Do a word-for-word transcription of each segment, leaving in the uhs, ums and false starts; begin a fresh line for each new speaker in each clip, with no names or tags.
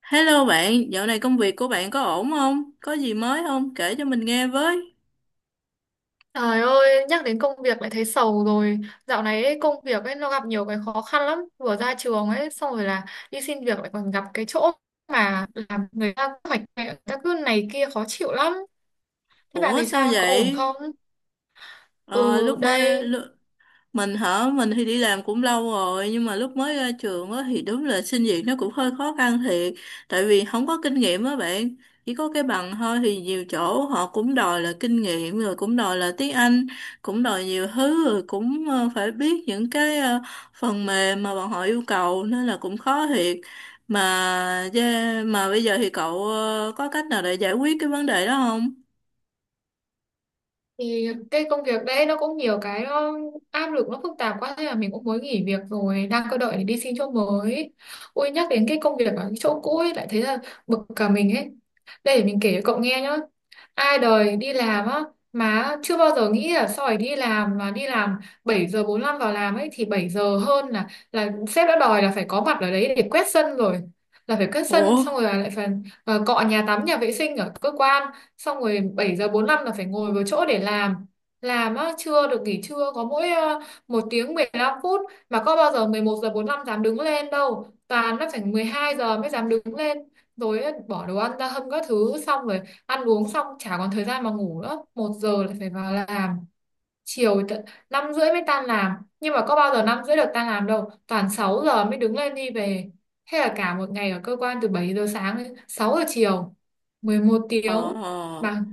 Hello bạn, dạo này công việc của bạn có ổn không? Có gì mới không? Kể cho mình nghe với.
Trời ơi, nhắc đến công việc lại thấy sầu rồi. Dạo này ấy, công việc ấy nó gặp nhiều cái khó khăn lắm. Vừa ra trường ấy, xong rồi là đi xin việc lại còn gặp cái chỗ mà làm người ta hoạch hoạch, người ta cứ này kia khó chịu lắm. Thế bạn
Ủa
thì
sao
sao? Bạn có ổn
vậy?
không? Ừ,
Ờ, lúc mới
đây.
lu- mình hả? Mình thì đi làm cũng lâu rồi nhưng mà lúc mới ra trường á thì đúng là xin việc nó cũng hơi khó khăn thiệt, tại vì không có kinh nghiệm á bạn. Chỉ có cái bằng thôi thì nhiều chỗ họ cũng đòi là kinh nghiệm, rồi cũng đòi là tiếng Anh, cũng đòi nhiều thứ, rồi cũng ờ, phải biết những cái ờ, phần mềm mà bọn họ yêu cầu, nên là cũng khó thiệt mà. Yeah, mà bây giờ thì cậu ờ, có cách nào để giải quyết cái vấn đề đó không?
Thì cái công việc đấy nó cũng nhiều cái, nó áp lực, nó phức tạp quá, thế là mình cũng mới nghỉ việc rồi, đang cơ đợi để đi xin chỗ mới. Ôi, nhắc đến cái công việc ở cái chỗ cũ ấy lại thấy là bực cả mình ấy. Đây, để mình kể cho cậu nghe nhá. Ai đời đi làm á mà chưa bao giờ nghĩ là sau này đi làm mà đi làm bảy giờ bốn lăm vào làm ấy, thì bảy giờ hơn là là sếp đã đòi là phải có mặt ở đấy để quét sân rồi, là phải quét sân
Ủa?
xong rồi là lại phải ờ, cọ nhà tắm nhà vệ sinh ở cơ quan, xong rồi bảy giờ bốn lăm là phải ngồi vào chỗ để làm. Làm á, chưa được nghỉ trưa, có mỗi ờ, một tiếng mười lăm phút, mà có bao giờ mười một giờ bốn lăm dám đứng lên đâu, toàn nó phải mười hai giờ mới dám đứng lên rồi á. Bỏ đồ ăn ra hâm các thứ, xong rồi ăn uống xong chả còn thời gian mà ngủ nữa, một giờ lại phải vào làm. Chiều tận năm rưỡi mới tan làm, nhưng mà có bao giờ năm rưỡi được tan làm đâu, toàn sáu giờ mới đứng lên đi về. Thế là cả một ngày ở cơ quan từ bảy giờ sáng đến sáu giờ chiều, mười một
Ờ.
tiếng mà.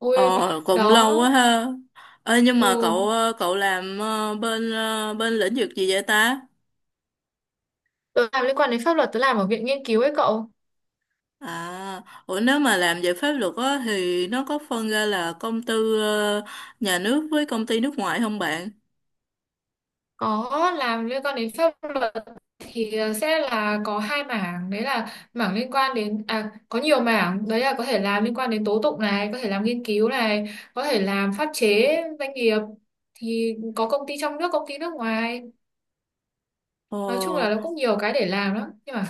Ôi,
Ờ, cũng
đó,
lâu quá ha. Ê, nhưng mà
ừ.
cậu ờ, cậu làm ờ, bên ờ, bên lĩnh vực gì vậy ta?
Tớ làm liên quan đến pháp luật, tớ làm ở viện nghiên cứu ấy cậu.
À, ủa nếu mà làm về pháp luật á thì nó có phân ra là công tư ờ, nhà nước với công ty nước ngoài không bạn?
Có, làm liên quan đến pháp luật thì ờ, sẽ là có hai mảng, đấy là mảng liên quan đến, à, có nhiều mảng, đấy là có thể làm liên quan đến tố tụng này, có thể làm nghiên cứu này, có thể làm pháp chế doanh nghiệp, thì có công ty trong nước, công ty nước ngoài.
Ồ,
Nói chung là nó cũng nhiều cái để làm lắm. Nhưng mà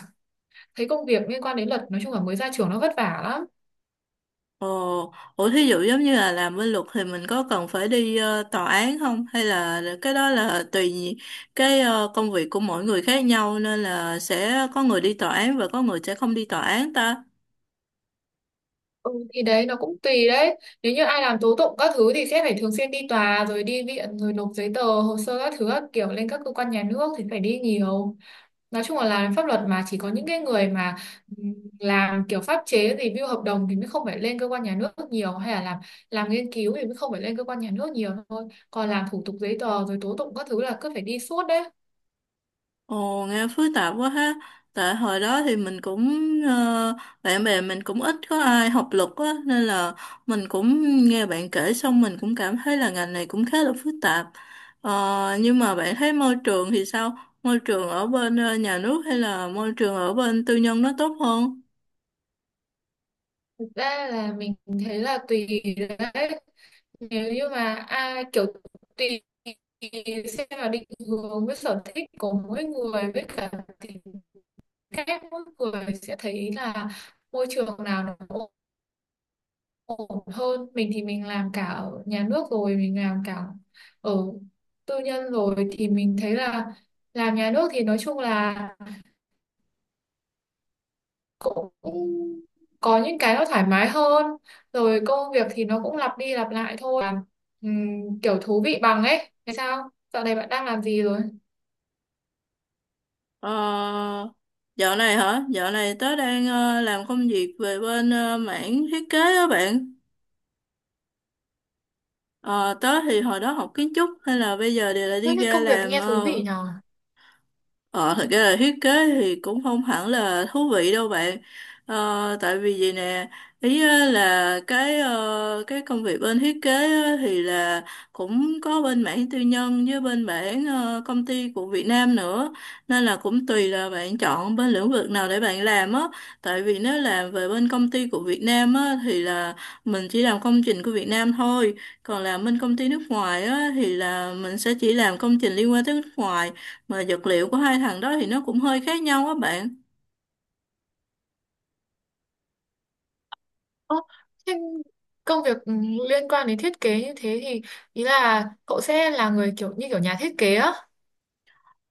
thấy công việc liên quan đến luật, nói chung là mới ra trường nó vất vả lắm.
ồ, ủa thí dụ giống như là làm bên luật thì mình có cần phải đi ờ, tòa án không? Hay là cái đó là tùy cái ờ, công việc của mỗi người khác nhau, nên là sẽ có người đi tòa án và có người sẽ không đi tòa án ta?
Ừ, thì đấy nó cũng tùy đấy. Nếu như ai làm tố tụng các thứ thì sẽ phải thường xuyên đi tòa rồi đi viện rồi nộp giấy tờ hồ sơ các thứ các kiểu lên các cơ quan nhà nước, thì phải đi nhiều. Nói chung là làm pháp luật mà chỉ có những cái người mà ừm, làm kiểu pháp chế review hợp đồng thì mới không phải lên cơ quan nhà nước nhiều, hay là làm làm nghiên cứu thì mới không phải lên cơ quan nhà nước nhiều thôi. Còn làm thủ tục giấy tờ rồi tố tụng các thứ là cứ phải đi suốt đấy.
Ồ, nghe phức tạp quá ha. Tại hồi đó thì mình cũng ờ, bạn bè mình cũng ít có ai học luật á, nên là mình cũng nghe bạn kể xong mình cũng cảm thấy là ngành này cũng khá là phức tạp. Ờ, nhưng mà bạn thấy môi trường thì sao? Môi trường ở bên ờ, nhà nước hay là môi trường ở bên tư nhân nó tốt hơn?
Ra là mình thấy là tùy đấy, nếu như mà ai kiểu, tùy xem là định hướng với sở thích của mỗi người, với cả tính cách mỗi người sẽ thấy là môi trường nào nó ổn ổn hơn. Mình thì mình làm cả ở nhà nước rồi mình làm cả ở tư nhân rồi, thì mình thấy là làm nhà nước thì nói chung là cũng có những cái nó thoải mái hơn, rồi công việc thì nó cũng lặp đi lặp lại thôi. Làm, ừm, kiểu thú vị bằng ấy. Thế sao dạo này bạn đang làm gì rồi?
Ờ, dạo này hả? Dạo này tớ đang ờ, làm công việc về bên ờ, mảng thiết kế á bạn. Ờ, tớ thì hồi đó học kiến trúc hay là bây giờ đều là
Ơ,
đi
thế
ra
công việc
làm
nghe thú
ờ,
vị nhờ.
Ờ, thật ra là thiết kế thì cũng không hẳn là thú vị đâu bạn. Ờ, tại vì vậy nè, ý á là cái ờ, cái công việc bên thiết kế á thì là cũng có bên mảng tư nhân với bên mảng ờ, công ty của Việt Nam nữa. Nên là cũng tùy là bạn chọn bên lĩnh vực nào để bạn làm á. Tại vì nếu làm về bên công ty của Việt Nam á thì là mình chỉ làm công trình của Việt Nam thôi. Còn làm bên công ty nước ngoài á thì là mình sẽ chỉ làm công trình liên quan tới nước ngoài, mà vật liệu của hai thằng đó thì nó cũng hơi khác nhau á bạn.
Ơ, thế công việc ừm, liên quan đến thiết kế như thế thì ý là cậu sẽ là người kiểu như kiểu nhà thiết kế á.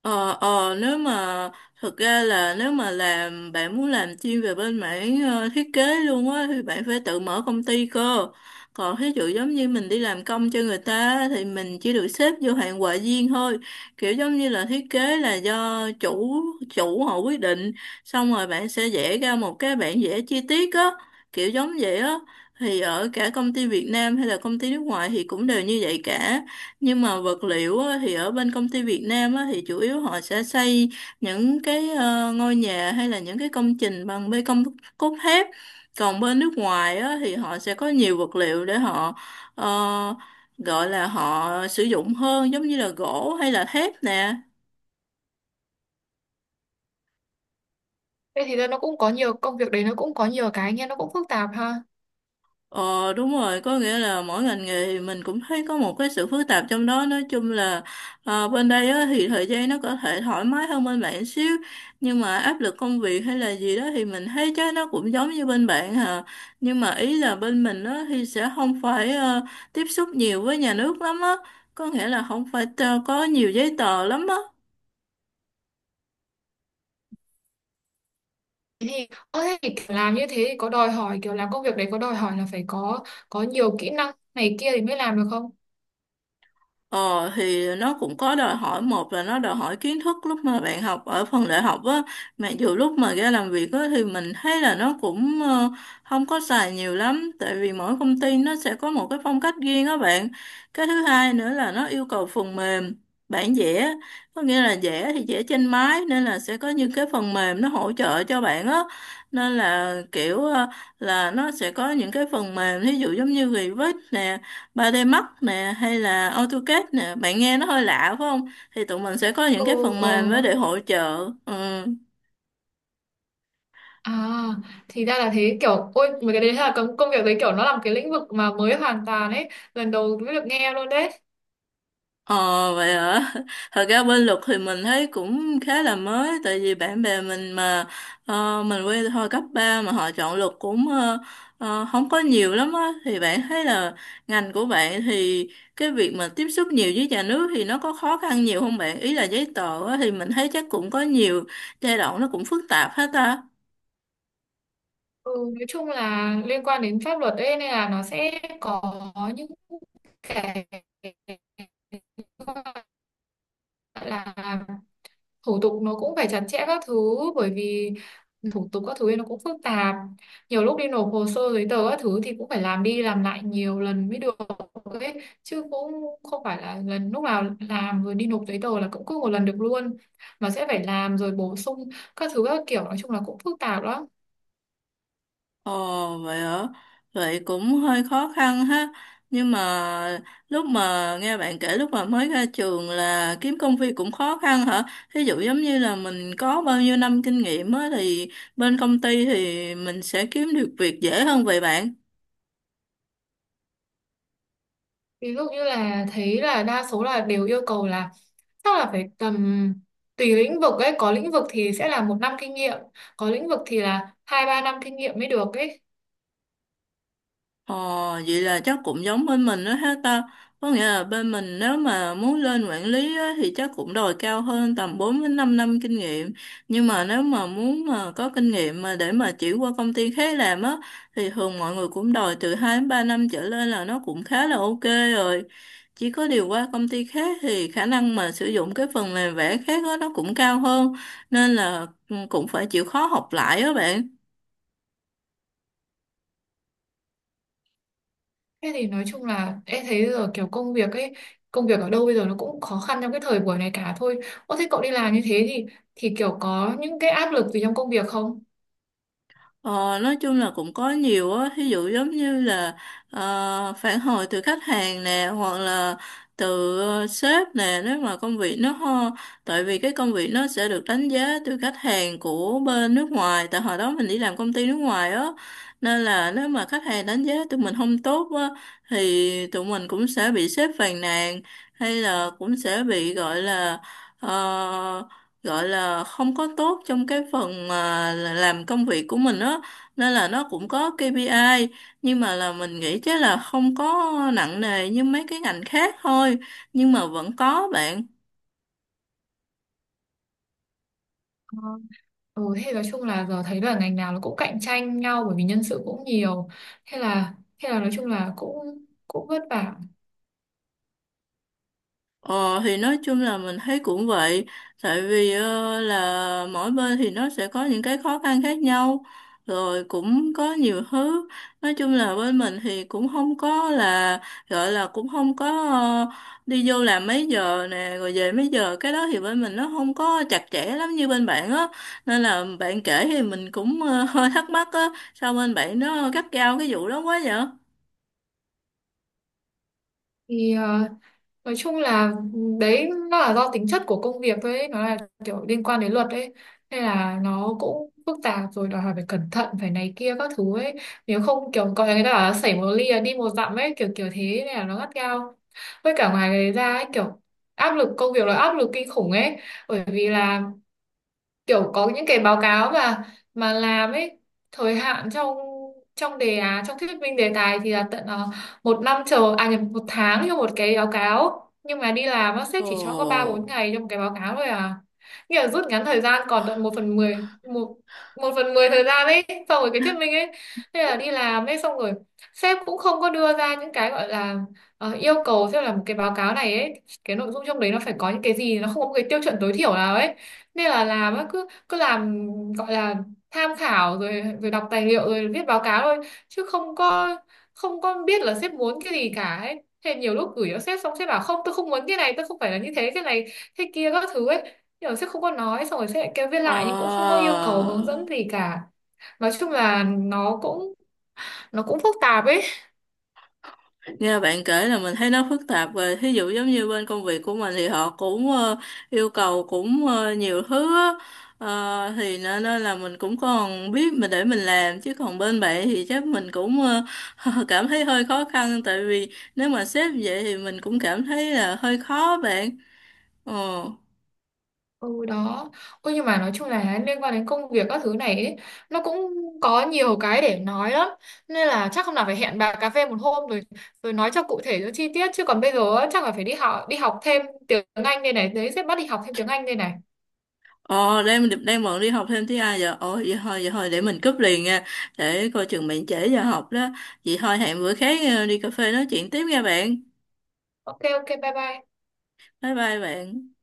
ờ ờ Nếu mà thực ra là nếu mà làm, bạn muốn làm chuyên về bên mảng ờ, thiết kế luôn á thì bạn phải tự mở công ty cơ. Còn thí dụ giống như mình đi làm công cho người ta á, thì mình chỉ được xếp vô hạng họa viên thôi, kiểu giống như là thiết kế là do chủ chủ họ quyết định, xong rồi bạn sẽ vẽ ra một cái bản vẽ chi tiết á, kiểu giống vậy á. Thì ở cả công ty Việt Nam hay là công ty nước ngoài thì cũng đều như vậy cả, nhưng mà vật liệu á, thì ở bên công ty Việt Nam á, thì chủ yếu họ sẽ xây những cái ờ, ngôi nhà hay là những cái công trình bằng bê tông cốt thép. Còn bên nước ngoài á, thì họ sẽ có nhiều vật liệu để họ ờ, gọi là họ sử dụng hơn, giống như là gỗ hay là thép nè.
Thế thì nó cũng có nhiều công việc đấy, nó cũng có nhiều cái nghe nó cũng phức tạp ha.
Ờ đúng rồi, có nghĩa là mỗi ngành nghề thì mình cũng thấy có một cái sự phức tạp trong đó. Nói chung là ờ, bên đây á, thì thời gian nó có thể thoải mái hơn bên bạn xíu. Nhưng mà áp lực công việc hay là gì đó thì mình thấy chắc nó cũng giống như bên bạn hà. Nhưng mà ý là bên mình á, thì sẽ không phải ờ, tiếp xúc nhiều với nhà nước lắm á. Có nghĩa là không phải ờ, có nhiều giấy tờ lắm á.
Thế thì ơ thế thì kiểu làm như thế thì có đòi hỏi, kiểu làm công việc đấy có đòi hỏi là phải có có nhiều kỹ năng này kia thì mới làm được không?
Ờ thì nó cũng có đòi hỏi, một là nó đòi hỏi kiến thức lúc mà bạn học ở phần đại học á, mặc dù lúc mà ra làm việc á thì mình thấy là nó cũng ờ, không có xài nhiều lắm, tại vì mỗi công ty nó sẽ có một cái phong cách riêng á bạn. Cái thứ hai nữa là nó yêu cầu phần mềm bản vẽ, có nghĩa là vẽ thì vẽ trên máy, nên là sẽ có những cái phần mềm nó hỗ trợ cho bạn á. Nên là kiểu ờ, là nó sẽ có những cái phần mềm, ví dụ giống như Revit nè, Ba d Max nè hay là AutoCAD nè, bạn nghe nó hơi lạ phải không? Thì tụi mình sẽ có những cái
Ừ.
phần
Ờ.
mềm đó để hỗ trợ. Ừ.
À, thì ra là thế, kiểu ôi mấy cái đấy là công công việc đấy, kiểu nó là một cái lĩnh vực mà mới hoàn toàn ấy, lần đầu mới được nghe luôn đấy.
Ờ vậy hả? Thật ra bên luật thì mình thấy cũng khá là mới, tại vì bạn bè mình mà ờ, mình quen hồi cấp ba mà họ chọn luật cũng ờ, ờ, không có nhiều lắm á. Thì bạn thấy là ngành của bạn thì cái việc mà tiếp xúc nhiều với nhà nước thì nó có khó khăn nhiều không bạn? Ý là giấy tờ á, thì mình thấy chắc cũng có nhiều giai đoạn nó cũng phức tạp hết ta.
Ừ, nói chung là liên quan đến pháp luật ấy, nên là nó sẽ có những cái gọi là thủ tục, nó cũng phải chặt chẽ các thứ. Bởi vì ừ, thủ tục các thứ ấy nó cũng phức tạp, nhiều lúc đi nộp hồ sơ giấy tờ các thứ thì cũng phải làm đi làm lại nhiều lần mới được ấy, chứ cũng không phải là lần lúc nào làm rồi đi nộp giấy tờ là cũng cứ một lần được luôn, mà sẽ phải làm rồi bổ sung các thứ các kiểu, nói chung là cũng phức tạp đó.
Ồ vậy hả? Vậy cũng hơi khó khăn ha. Nhưng mà lúc mà nghe bạn kể lúc mà mới ra trường là kiếm công việc cũng khó khăn hả? Ví dụ giống như là mình có bao nhiêu năm kinh nghiệm á thì bên công ty thì mình sẽ kiếm được việc dễ hơn vậy bạn.
Ví dụ như là thấy là đa số là đều yêu cầu là chắc là phải tầm, tùy lĩnh vực ấy, có lĩnh vực thì sẽ là một năm kinh nghiệm, có lĩnh vực thì là hai ba năm kinh nghiệm mới được ấy.
Ờ, vậy là chắc cũng giống bên mình đó ha ta. Có nghĩa là bên mình nếu mà muốn lên quản lý á, thì chắc cũng đòi cao hơn tầm bốn đến 5 năm kinh nghiệm. Nhưng mà nếu mà muốn mà có kinh nghiệm mà để mà chuyển qua công ty khác làm á thì thường mọi người cũng đòi từ hai đến ba năm trở lên là nó cũng khá là ok rồi. Chỉ có điều qua công ty khác thì khả năng mà sử dụng cái phần mềm vẽ khác á nó cũng cao hơn, nên là ừ, cũng phải chịu khó học lại đó bạn.
Thế thì nói chung là em thấy giờ kiểu công việc ấy, công việc ở đâu bây giờ nó cũng khó khăn trong cái thời buổi này cả thôi. Ô thế cậu đi làm như thế thì thì kiểu có những cái áp lực gì trong công việc không?
Ờ, nói chung là cũng có nhiều á, ví dụ giống như là ờ, phản hồi từ khách hàng nè, hoặc là từ ờ, sếp nè, nếu mà công việc nó ho, tại vì cái công việc nó sẽ được đánh giá từ khách hàng của bên nước ngoài, tại hồi đó mình đi làm công ty nước ngoài á, nên là nếu mà khách hàng đánh giá tụi mình không tốt á, thì tụi mình cũng sẽ bị sếp phàn nàn, hay là cũng sẽ bị gọi là ờ, gọi là không có tốt trong cái phần mà là làm công việc của mình á, nên là nó cũng có ca pê i. Nhưng mà là mình nghĩ chắc là không có nặng nề như mấy cái ngành khác thôi, nhưng mà vẫn có bạn.
Ừ, thế nói chung là giờ thấy là ngành nào nó cũng cạnh tranh nhau bởi vì nhân sự cũng nhiều. Thế là thế là nói chung là cũng cũng vất vả.
Ờ thì nói chung là mình thấy cũng vậy, tại vì ờ, là mỗi bên thì nó sẽ có những cái khó khăn khác nhau, rồi cũng có nhiều thứ. Nói chung là bên mình thì cũng không có là gọi là cũng không có ờ, đi vô làm mấy giờ nè rồi về mấy giờ, cái đó thì bên mình nó không có chặt chẽ lắm như bên bạn á. Nên là bạn kể thì mình cũng ờ, hơi thắc mắc á, sao bên bạn nó gắt gao cái vụ đó quá vậy?
Thì nói chung là đấy nó là do tính chất của công việc thôi ấy. Nó là kiểu liên quan đến luật ấy, nên là nó cũng phức tạp, rồi đòi hỏi phải cẩn thận phải này kia các thứ ấy. Nếu không, kiểu có người ta bảo là xảy một ly là đi một dặm ấy, kiểu kiểu thế, nên là nó gắt gao. Với cả ngoài cái ra ấy, kiểu áp lực công việc là áp lực kinh khủng ấy. Bởi vì là kiểu có những cái báo cáo mà mà làm ấy, thời hạn trong trong đề án, trong thuyết minh đề tài thì là tận ờ, một năm, chờ, à nhầm, một tháng cho một cái báo cáo, nhưng mà đi làm á sếp
Ồ.
chỉ cho có ba bốn ngày trong cái báo cáo thôi à, nghĩa là rút ngắn thời gian còn tận một phần mười, một một phần mười thời gian ấy. Xong rồi cái thuyết minh ấy, thế là đi làm ấy xong rồi sếp cũng không có đưa ra những cái gọi là ờ, yêu cầu, xem là một cái báo cáo này ấy, cái nội dung trong đấy nó phải có những cái gì, nó không có một cái tiêu chuẩn tối thiểu nào ấy. Nên là làm á cứ cứ làm, gọi là tham khảo rồi rồi đọc tài liệu rồi viết báo cáo thôi, chứ không có không có biết là sếp muốn cái gì cả ấy. Thế nhiều lúc gửi cho sếp xong, sếp bảo không, tôi không muốn cái này, tôi không phải là như thế, cái này thế kia các thứ ấy, nhưng mà sếp không có nói, xong rồi sếp lại kêu viết
Ờ.
lại nhưng cũng không có yêu cầu hướng dẫn gì cả. Nói chung là nó cũng nó cũng phức tạp ấy.
Nghe bạn kể là mình thấy nó phức tạp, về thí dụ giống như bên công việc của mình thì họ cũng ờ, yêu cầu cũng ờ, nhiều thứ á. Ờ, thì nên nên là mình cũng còn biết mình để mình làm, chứ còn bên bạn thì chắc mình cũng ờ, cảm thấy hơi khó khăn, tại vì nếu mà sếp vậy thì mình cũng cảm thấy là hơi khó bạn. Ờ.
Ừ đó. Ôi nhưng mà nói chung là liên quan đến công việc các thứ này ấy, nó cũng có nhiều cái để nói lắm. Nên là chắc hôm nào phải hẹn bà cà phê một hôm, rồi rồi nói cho cụ thể cho chi tiết. Chứ còn bây giờ á, chắc là phải đi học đi học thêm tiếng Anh đây này. Đấy sẽ bắt đi học thêm tiếng Anh đây này.
Ờ, đang đang bận đi học thêm tiếng Anh giờ. Ồ, vậy thôi, vậy thôi, để mình cúp liền nha. Để coi chừng bạn trễ giờ học đó. Vậy thôi, hẹn bữa khác ờ, đi cà phê nói chuyện tiếp nha bạn.
Ok ok, bye bye.
Bye bye bạn.